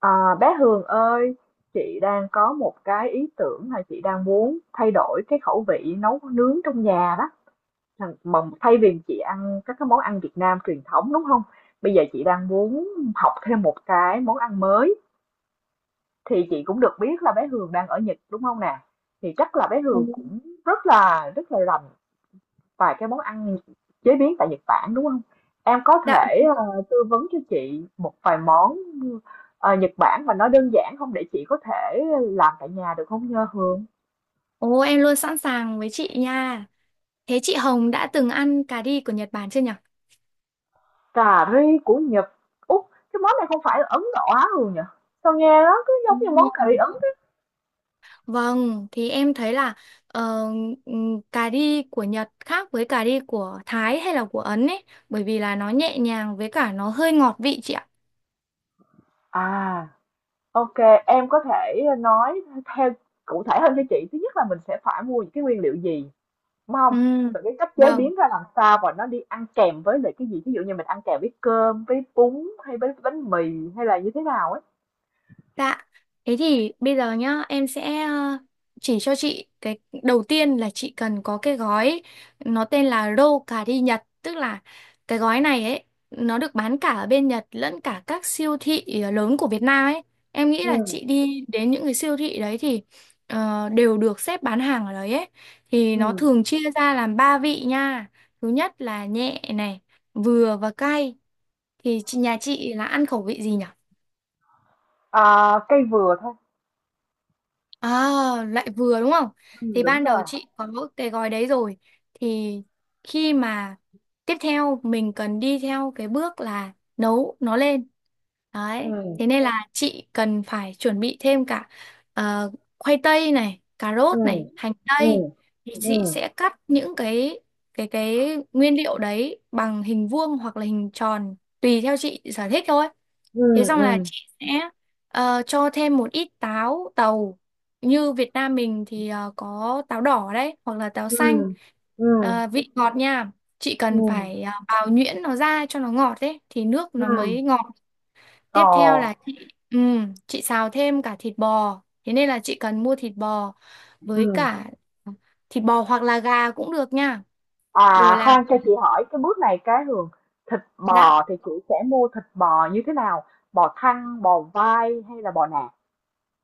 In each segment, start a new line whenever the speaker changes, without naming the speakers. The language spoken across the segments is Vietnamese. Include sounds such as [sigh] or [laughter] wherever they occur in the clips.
À, bé Hường ơi, chị đang có một cái ý tưởng là chị đang muốn thay đổi cái khẩu vị nấu nướng trong nhà đó. Mà thay vì chị ăn các cái món ăn Việt Nam truyền thống, đúng không? Bây giờ chị đang muốn học thêm một cái món ăn mới. Thì chị cũng được biết là bé Hường đang ở Nhật, đúng không nè? Thì chắc là bé
Ừ.
Hường cũng rất là rành vài cái món ăn chế biến tại Nhật Bản, đúng không? Em có
Dạ,
thể, tư vấn cho chị một vài món, Nhật Bản mà nó đơn giản không, để chị có thể làm tại nhà được không nhơ Hương?
ồ em luôn sẵn sàng với chị nha. Thế chị Hồng đã từng ăn cà ri của Nhật Bản chưa nhỉ?
Cà ri của Nhật, út cái món này không phải là Ấn Độ Á Hường nhỉ? Sao nghe nó cứ
Ừ.
giống như món cà ri Ấn thế?
Vâng, thì em thấy là ờ, cà ri của Nhật khác với cà ri của Thái hay là của Ấn ấy, bởi vì là nó nhẹ nhàng với cả nó hơi ngọt vị chị ạ.
À, ok, em có thể nói theo cụ thể hơn cho chị. Thứ nhất là mình sẽ phải mua những cái nguyên liệu gì? Đúng không?
Ừ,
Rồi cái cách chế
vâng.
biến ra làm sao và nó đi ăn kèm với lại cái gì? Ví dụ như mình ăn kèm với cơm, với bún hay với bánh mì hay là như thế nào ấy?
Dạ, thế thì bây giờ nhá, em sẽ chỉ cho chị cái đầu tiên là chị cần có cái gói nó tên là Rô cà ri Nhật, tức là cái gói này ấy nó được bán cả ở bên Nhật lẫn cả các siêu thị lớn của Việt Nam ấy. Em nghĩ là
Ừm,
chị đi đến những cái siêu thị đấy thì đều được xếp bán hàng ở đấy ấy. Thì nó
ừm.
thường chia ra làm ba vị nha. Thứ nhất là nhẹ này, vừa và cay. Thì nhà chị là ăn khẩu vị gì nhỉ?
À, cây vừa thôi.
À, lại vừa đúng không?
Ừm.
Thì
Đúng
ban đầu
rồi.
chị có cái gói đấy rồi. Thì khi mà tiếp theo mình cần đi theo cái bước là nấu nó lên. Đấy.
Ừm,
Thế nên là chị cần phải chuẩn bị thêm cả ờ, khoai tây này, cà rốt
ừm,
này, hành tây.
ừm,
Thì chị
ừm,
sẽ cắt những cái nguyên liệu đấy bằng hình vuông hoặc là hình tròn tùy theo chị sở thích thôi.
ừm,
Thế xong là
ừm,
chị sẽ cho thêm một ít táo tàu. Như Việt Nam mình thì có táo đỏ đấy, hoặc là táo
ừm,
xanh.
ừm,
Vị ngọt nha. Chị cần
ừm,
phải bào nhuyễn nó ra cho nó ngọt đấy, thì nước nó
ừm.
mới ngọt.
Ồ.
Tiếp theo là chị xào thêm cả thịt bò. Thế nên là chị cần mua thịt bò với
Ừm.
cả thịt bò hoặc là gà cũng được nha. Rồi
À,
là
khoan cho chị hỏi cái bước này cái Hường, thịt
đã.
bò thì chị sẽ mua thịt bò như thế nào? Bò thăn, bò vai hay là bò nạc?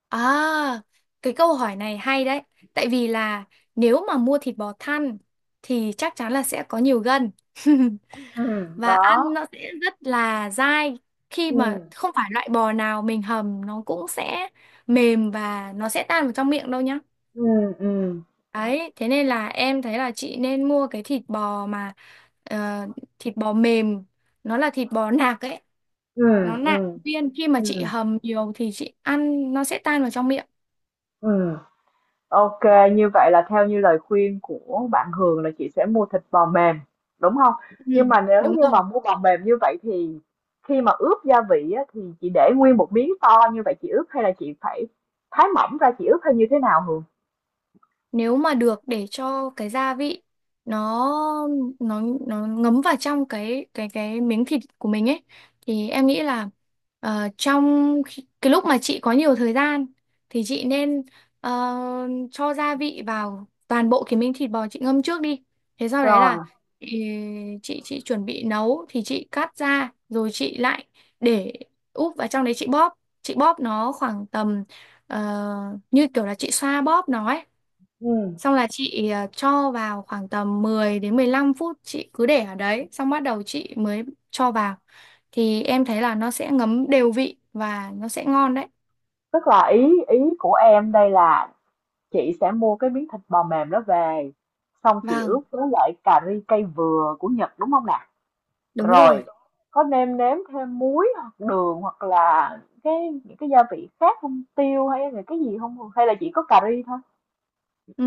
À, cái câu hỏi này hay đấy. Tại vì là nếu mà mua thịt bò thăn thì chắc chắn là sẽ có nhiều gân. [laughs]
Ừm.
Và ăn
Đó.
nó sẽ rất là dai khi mà
Ừm.
không phải loại bò nào mình hầm nó cũng sẽ mềm và nó sẽ tan vào trong miệng đâu nhá.
Ừ, ừ,
Đấy, thế nên là em thấy là chị nên mua cái thịt bò mà ờ, thịt bò mềm, nó là thịt bò nạc ấy,
ừ,
nó nạc
ừ,
viên khi mà chị
ừ,
hầm nhiều thì chị ăn nó sẽ tan vào trong miệng.
ừm. Ô, như vậy là theo như lời khuyên của bạn Hường là chị sẽ mua thịt bò mềm, đúng không?
Ừ,
Nhưng mà nếu
đúng
như
rồi.
mà mua bò mềm như vậy thì khi mà ướp gia vị á, thì chị để nguyên một miếng to như vậy chị ướp hay là chị phải thái mỏng ra chị ướp hay như thế nào Hường?
Nếu mà được để cho cái gia vị nó nó ngấm vào trong cái miếng thịt của mình ấy thì em nghĩ là cái lúc mà chị có nhiều thời gian thì chị nên ờ, cho gia vị vào toàn bộ cái miếng thịt bò chị ngâm trước đi, thế sau đấy
Rồi,
là chị chị chuẩn bị nấu thì chị cắt ra rồi chị lại để úp vào trong đấy chị bóp nó khoảng tầm như kiểu là chị xoa bóp nó ấy.
ừ,
Xong là chị cho vào khoảng tầm 10 đến 15 phút chị cứ để ở đấy xong bắt đầu chị mới cho vào thì em thấy là nó sẽ ngấm đều vị và nó sẽ ngon đấy.
tức là ý ý của em đây là chị sẽ mua cái miếng thịt bò mềm đó về, xong chị
Vâng,
ướp với lại cà ri cây vừa của Nhật, đúng không nè?
đúng rồi.
Rồi có nêm nếm thêm muối hoặc đường hoặc là cái những cái gia vị khác không? Tiêu hay là cái gì hông? Hay là chỉ có cà ri thôi?
Ừ,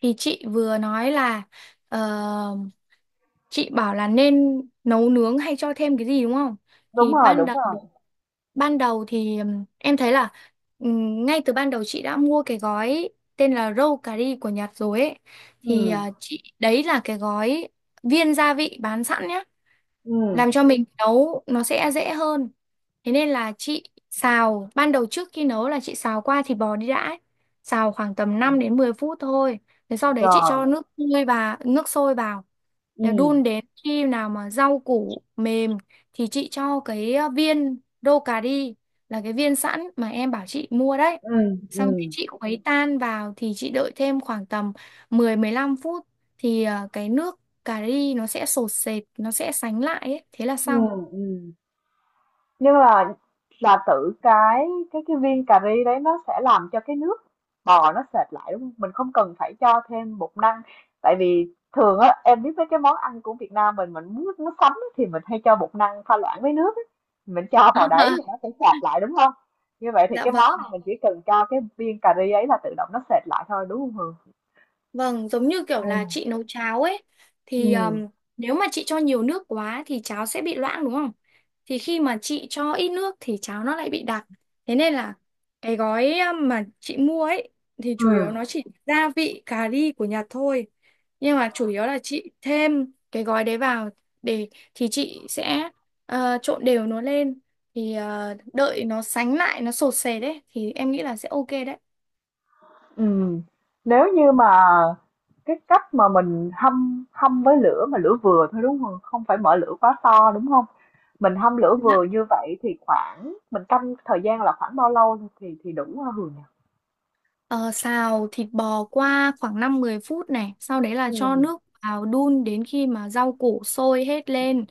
thì chị vừa nói là ờ, chị bảo là nên nấu nướng hay cho thêm cái gì đúng không?
Đúng
Thì
rồi,
ban
đúng
đầu
rồi.
ban đầu thì em thấy là ngay từ ban đầu chị đã mua cái gói tên là Roll Cà ri của Nhật rồi ấy
Ừ,
thì chị đấy là cái gói viên gia vị bán sẵn nhá,
ừ,
làm cho mình nấu nó sẽ dễ hơn. Thế nên là chị xào ban đầu trước khi nấu là chị xào qua thịt bò đi đã ấy, xào khoảng tầm 5 đến 10 phút thôi. Thế sau đấy chị
rồi,
cho nước sôi và nước sôi vào
ừ,
để đun đến khi nào mà rau củ mềm thì chị cho cái viên đô cà ri là cái viên sẵn mà em bảo chị mua đấy,
ừ,
xong cái
ừ,
chị khuấy tan vào thì chị đợi thêm khoảng tầm 10 đến 15 phút thì cái nước cà ri nó sẽ sột sệt, nó sẽ sánh lại ấy. Thế là
ừ,
xong.
ừm. Nhưng mà là tự cái cái viên cà ri đấy nó sẽ làm cho cái nước bò nó sệt lại, đúng không? Mình không cần phải cho thêm bột năng. Tại vì thường á em biết mấy cái món ăn của Việt Nam mình muốn nó sánh á, thì mình hay cho bột năng pha loãng với nước á. Mình cho vào đấy thì nó sẽ
[laughs]
sệt lại, đúng không? Như vậy thì
Dạ
cái món
vâng.
này mình chỉ cần cho cái viên cà ri ấy là tự động nó sệt lại thôi, đúng không Hường?
Vâng, giống như kiểu là chị nấu cháo ấy
Ừ.
thì
Ừ.
nếu mà chị cho nhiều nước quá thì cháo sẽ bị loãng đúng không? Thì khi mà chị cho ít nước thì cháo nó lại bị đặc. Thế nên là cái gói mà chị mua ấy thì
Ừ.
chủ yếu nó chỉ gia vị cà ri của Nhật thôi. Nhưng mà chủ yếu là chị thêm cái gói đấy vào để thì chị sẽ trộn đều nó lên thì đợi nó sánh lại nó sột sệt đấy thì em nghĩ là sẽ ok đấy.
Ừ, nếu như mà cái cách mà mình hâm hâm với lửa mà lửa vừa thôi, đúng không? Không phải mở lửa quá to, đúng không? Mình hâm lửa vừa như vậy thì khoảng mình canh thời gian là khoảng bao lâu thì đủ hả Hường nhỉ?
Ờ, xào thịt bò qua khoảng 5 10 phút này, sau đấy là
Ừ.
cho nước vào đun đến khi mà rau củ sôi hết lên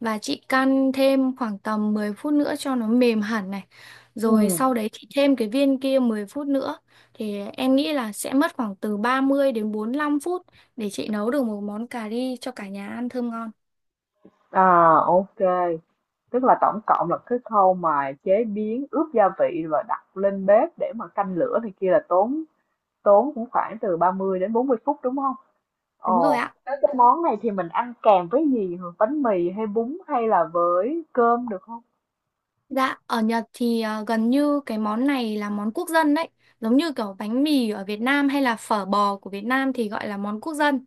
và chị căn thêm khoảng tầm 10 phút nữa cho nó mềm hẳn này. Rồi sau
Ừm,
đấy chị thêm cái viên kia 10 phút nữa thì em nghĩ là sẽ mất khoảng từ ba mươi đến 45 phút để chị nấu được một món cà ri cho cả nhà ăn thơm ngon.
à, ô, tức là tổng cộng là cái khâu mà chế biến, ướp gia vị và đặt lên bếp để mà canh lửa này kia là tốn, cũng khoảng từ 30 đến 40 phút, đúng không?
Đúng rồi
Ồ,
ạ.
thế cái món này thì mình ăn kèm với gì hả? Bánh mì hay bún hay là với cơm được không?
Dạ, ở Nhật thì gần như cái món này là món quốc dân đấy. Giống như kiểu bánh mì ở Việt Nam hay là phở bò của Việt Nam thì gọi là món quốc dân.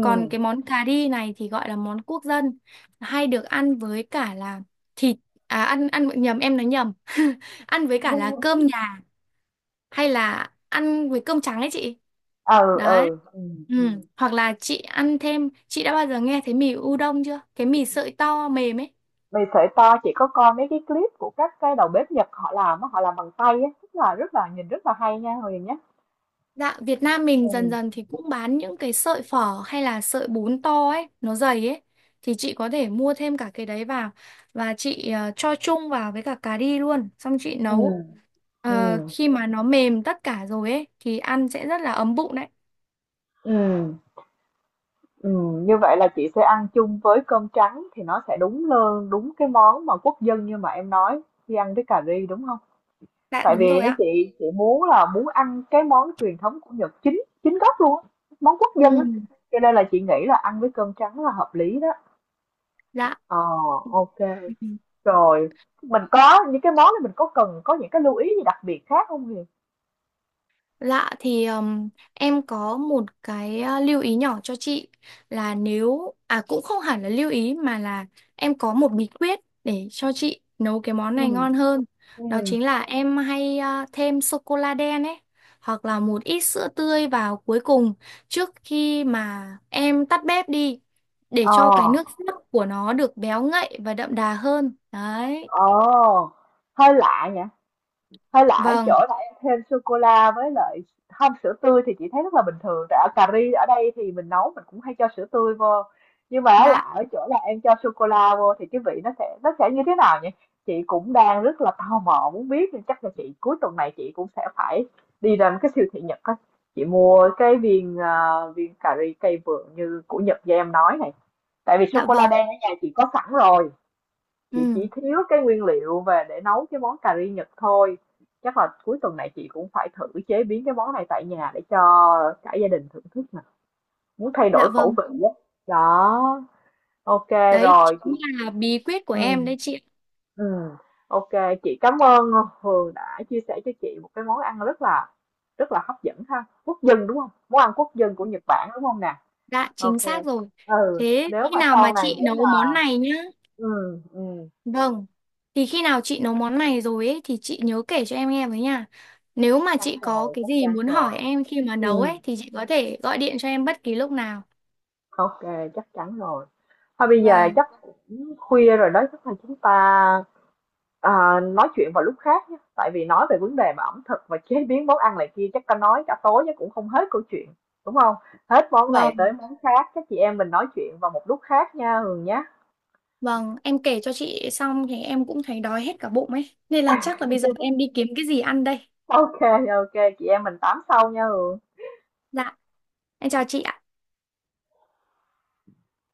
Còn cái món cà ri này thì gọi là món quốc dân. Hay được ăn với cả là thịt, à ăn ăn nhầm em nói nhầm. [laughs] Ăn với cả là cơm
[laughs]
nhà hay là ăn với cơm trắng ấy chị.
Ừ,
Đấy.
ừ. Ừ. Ừ.
Ừ. Hoặc là chị ăn thêm, chị đã bao giờ nghe thấy mì udon chưa? Cái mì sợi to mềm ấy.
Mì sợi to chị có coi mấy cái clip của các cái đầu bếp Nhật họ làm á, họ làm bằng tay á, rất là nhìn rất là hay nha Huyền nhé.
Dạ, Việt Nam mình
Ừ.
dần dần thì cũng bán những cái sợi phở hay là sợi bún to ấy, nó dày ấy. Thì chị có thể mua thêm cả cái đấy vào và chị cho chung vào với cả cà ri luôn, xong chị nấu.
Ừ. Ừ.
Khi mà nó mềm tất cả rồi ấy thì ăn sẽ rất là ấm bụng đấy.
Ừ. Ừ. Như vậy là chị sẽ ăn chung với cơm trắng thì nó sẽ đúng hơn, đúng cái món mà quốc dân như mà em nói khi ăn với cà ri, đúng không?
Dạ
Tại
đúng
vì
rồi
á
ạ.
chị muốn là muốn ăn cái món truyền thống của Nhật chính chính gốc luôn á, món quốc dân
Ừ,
á. Cho nên là chị nghĩ là ăn với cơm trắng là hợp lý đó. Ờ,
dạ.
ok. Rồi, mình có những cái món này mình có cần có những cái lưu ý gì đặc biệt khác không Huyền?
Lạ thì em có một cái lưu ý nhỏ cho chị là nếu cũng không hẳn là lưu ý mà là em có một bí quyết để cho chị nấu cái món
Ừ.
này ngon hơn. Đó
Ừ.
chính là em hay thêm sô cô la đen ấy hoặc là một ít sữa tươi vào cuối cùng trước khi mà em tắt bếp đi để
Ờ,
cho cái nước sốt của nó được béo ngậy và đậm đà hơn. Đấy.
ờ, hơi lạ nhỉ. Hay là ở
Vâng,
chỗ là em thêm sô cô la với lại không sữa tươi thì chị thấy rất là bình thường, tại ở cà ri ở đây thì mình nấu mình cũng hay cho sữa tươi vô, nhưng mà
dạ,
là ở chỗ là em cho sô cô la vô thì cái vị nó sẽ như thế nào nhỉ, chị cũng đang rất là tò mò muốn biết nên chắc là chị cuối tuần này chị cũng sẽ phải đi ra một cái siêu thị Nhật á, chị mua cái viên, viên cà ri cây vườn như của Nhật như em nói này, tại vì sô
dạ
cô la
vâng.
đen ở nhà chị có sẵn rồi, chị chỉ
Ừ,
thiếu cái nguyên liệu về để nấu cái món cà ri Nhật thôi, chắc là cuối tuần này chị cũng phải thử chế biến cái món này tại nhà để cho cả gia đình thưởng thức nè, muốn thay
dạ
đổi khẩu
vâng.
vị á đó. Ok,
Đấy
rồi
chính
chị,
là bí quyết của em
ừ,
đấy chị ạ.
ừ. Ok, chị cảm ơn Hường đã chia sẻ cho chị một cái món ăn rất là hấp dẫn ha, quốc dân, đúng không? Món ăn quốc dân của Nhật Bản, đúng không nè?
Dạ chính
Ok.
xác rồi.
Ừ,
Thế
nếu
khi
mà
nào mà
sau này
chị
nếu
nấu
mà,
món này nhá.
ừ, ừ,
Vâng. Thì khi nào chị nấu món này rồi ấy thì chị nhớ kể cho em nghe với nha. Nếu
chắc
mà
chắn
chị có
rồi,
cái
chắc
gì
chắn
muốn
rồi,
hỏi em khi mà nấu
ừ.
ấy thì chị có thể gọi điện cho em bất kỳ lúc nào.
Ok, chắc chắn rồi. Thôi bây giờ
Vâng.
chắc cũng khuya rồi đó, chắc là chúng ta, à, nói chuyện vào lúc khác nhé. Tại vì nói về vấn đề mà ẩm thực và chế biến món ăn này kia chắc ta nói cả tối chắc cũng không hết câu chuyện, đúng không? Hết món này tới
Vâng,
món khác, các chị em mình nói chuyện vào một lúc khác nha Hường nhé.
vâng, em kể cho chị xong thì em cũng thấy đói hết cả bụng ấy. Nên là chắc là bây giờ em đi kiếm cái gì ăn đây.
Ok, ok, chị em mình tám sau nha Hường.
Dạ, em chào chị ạ.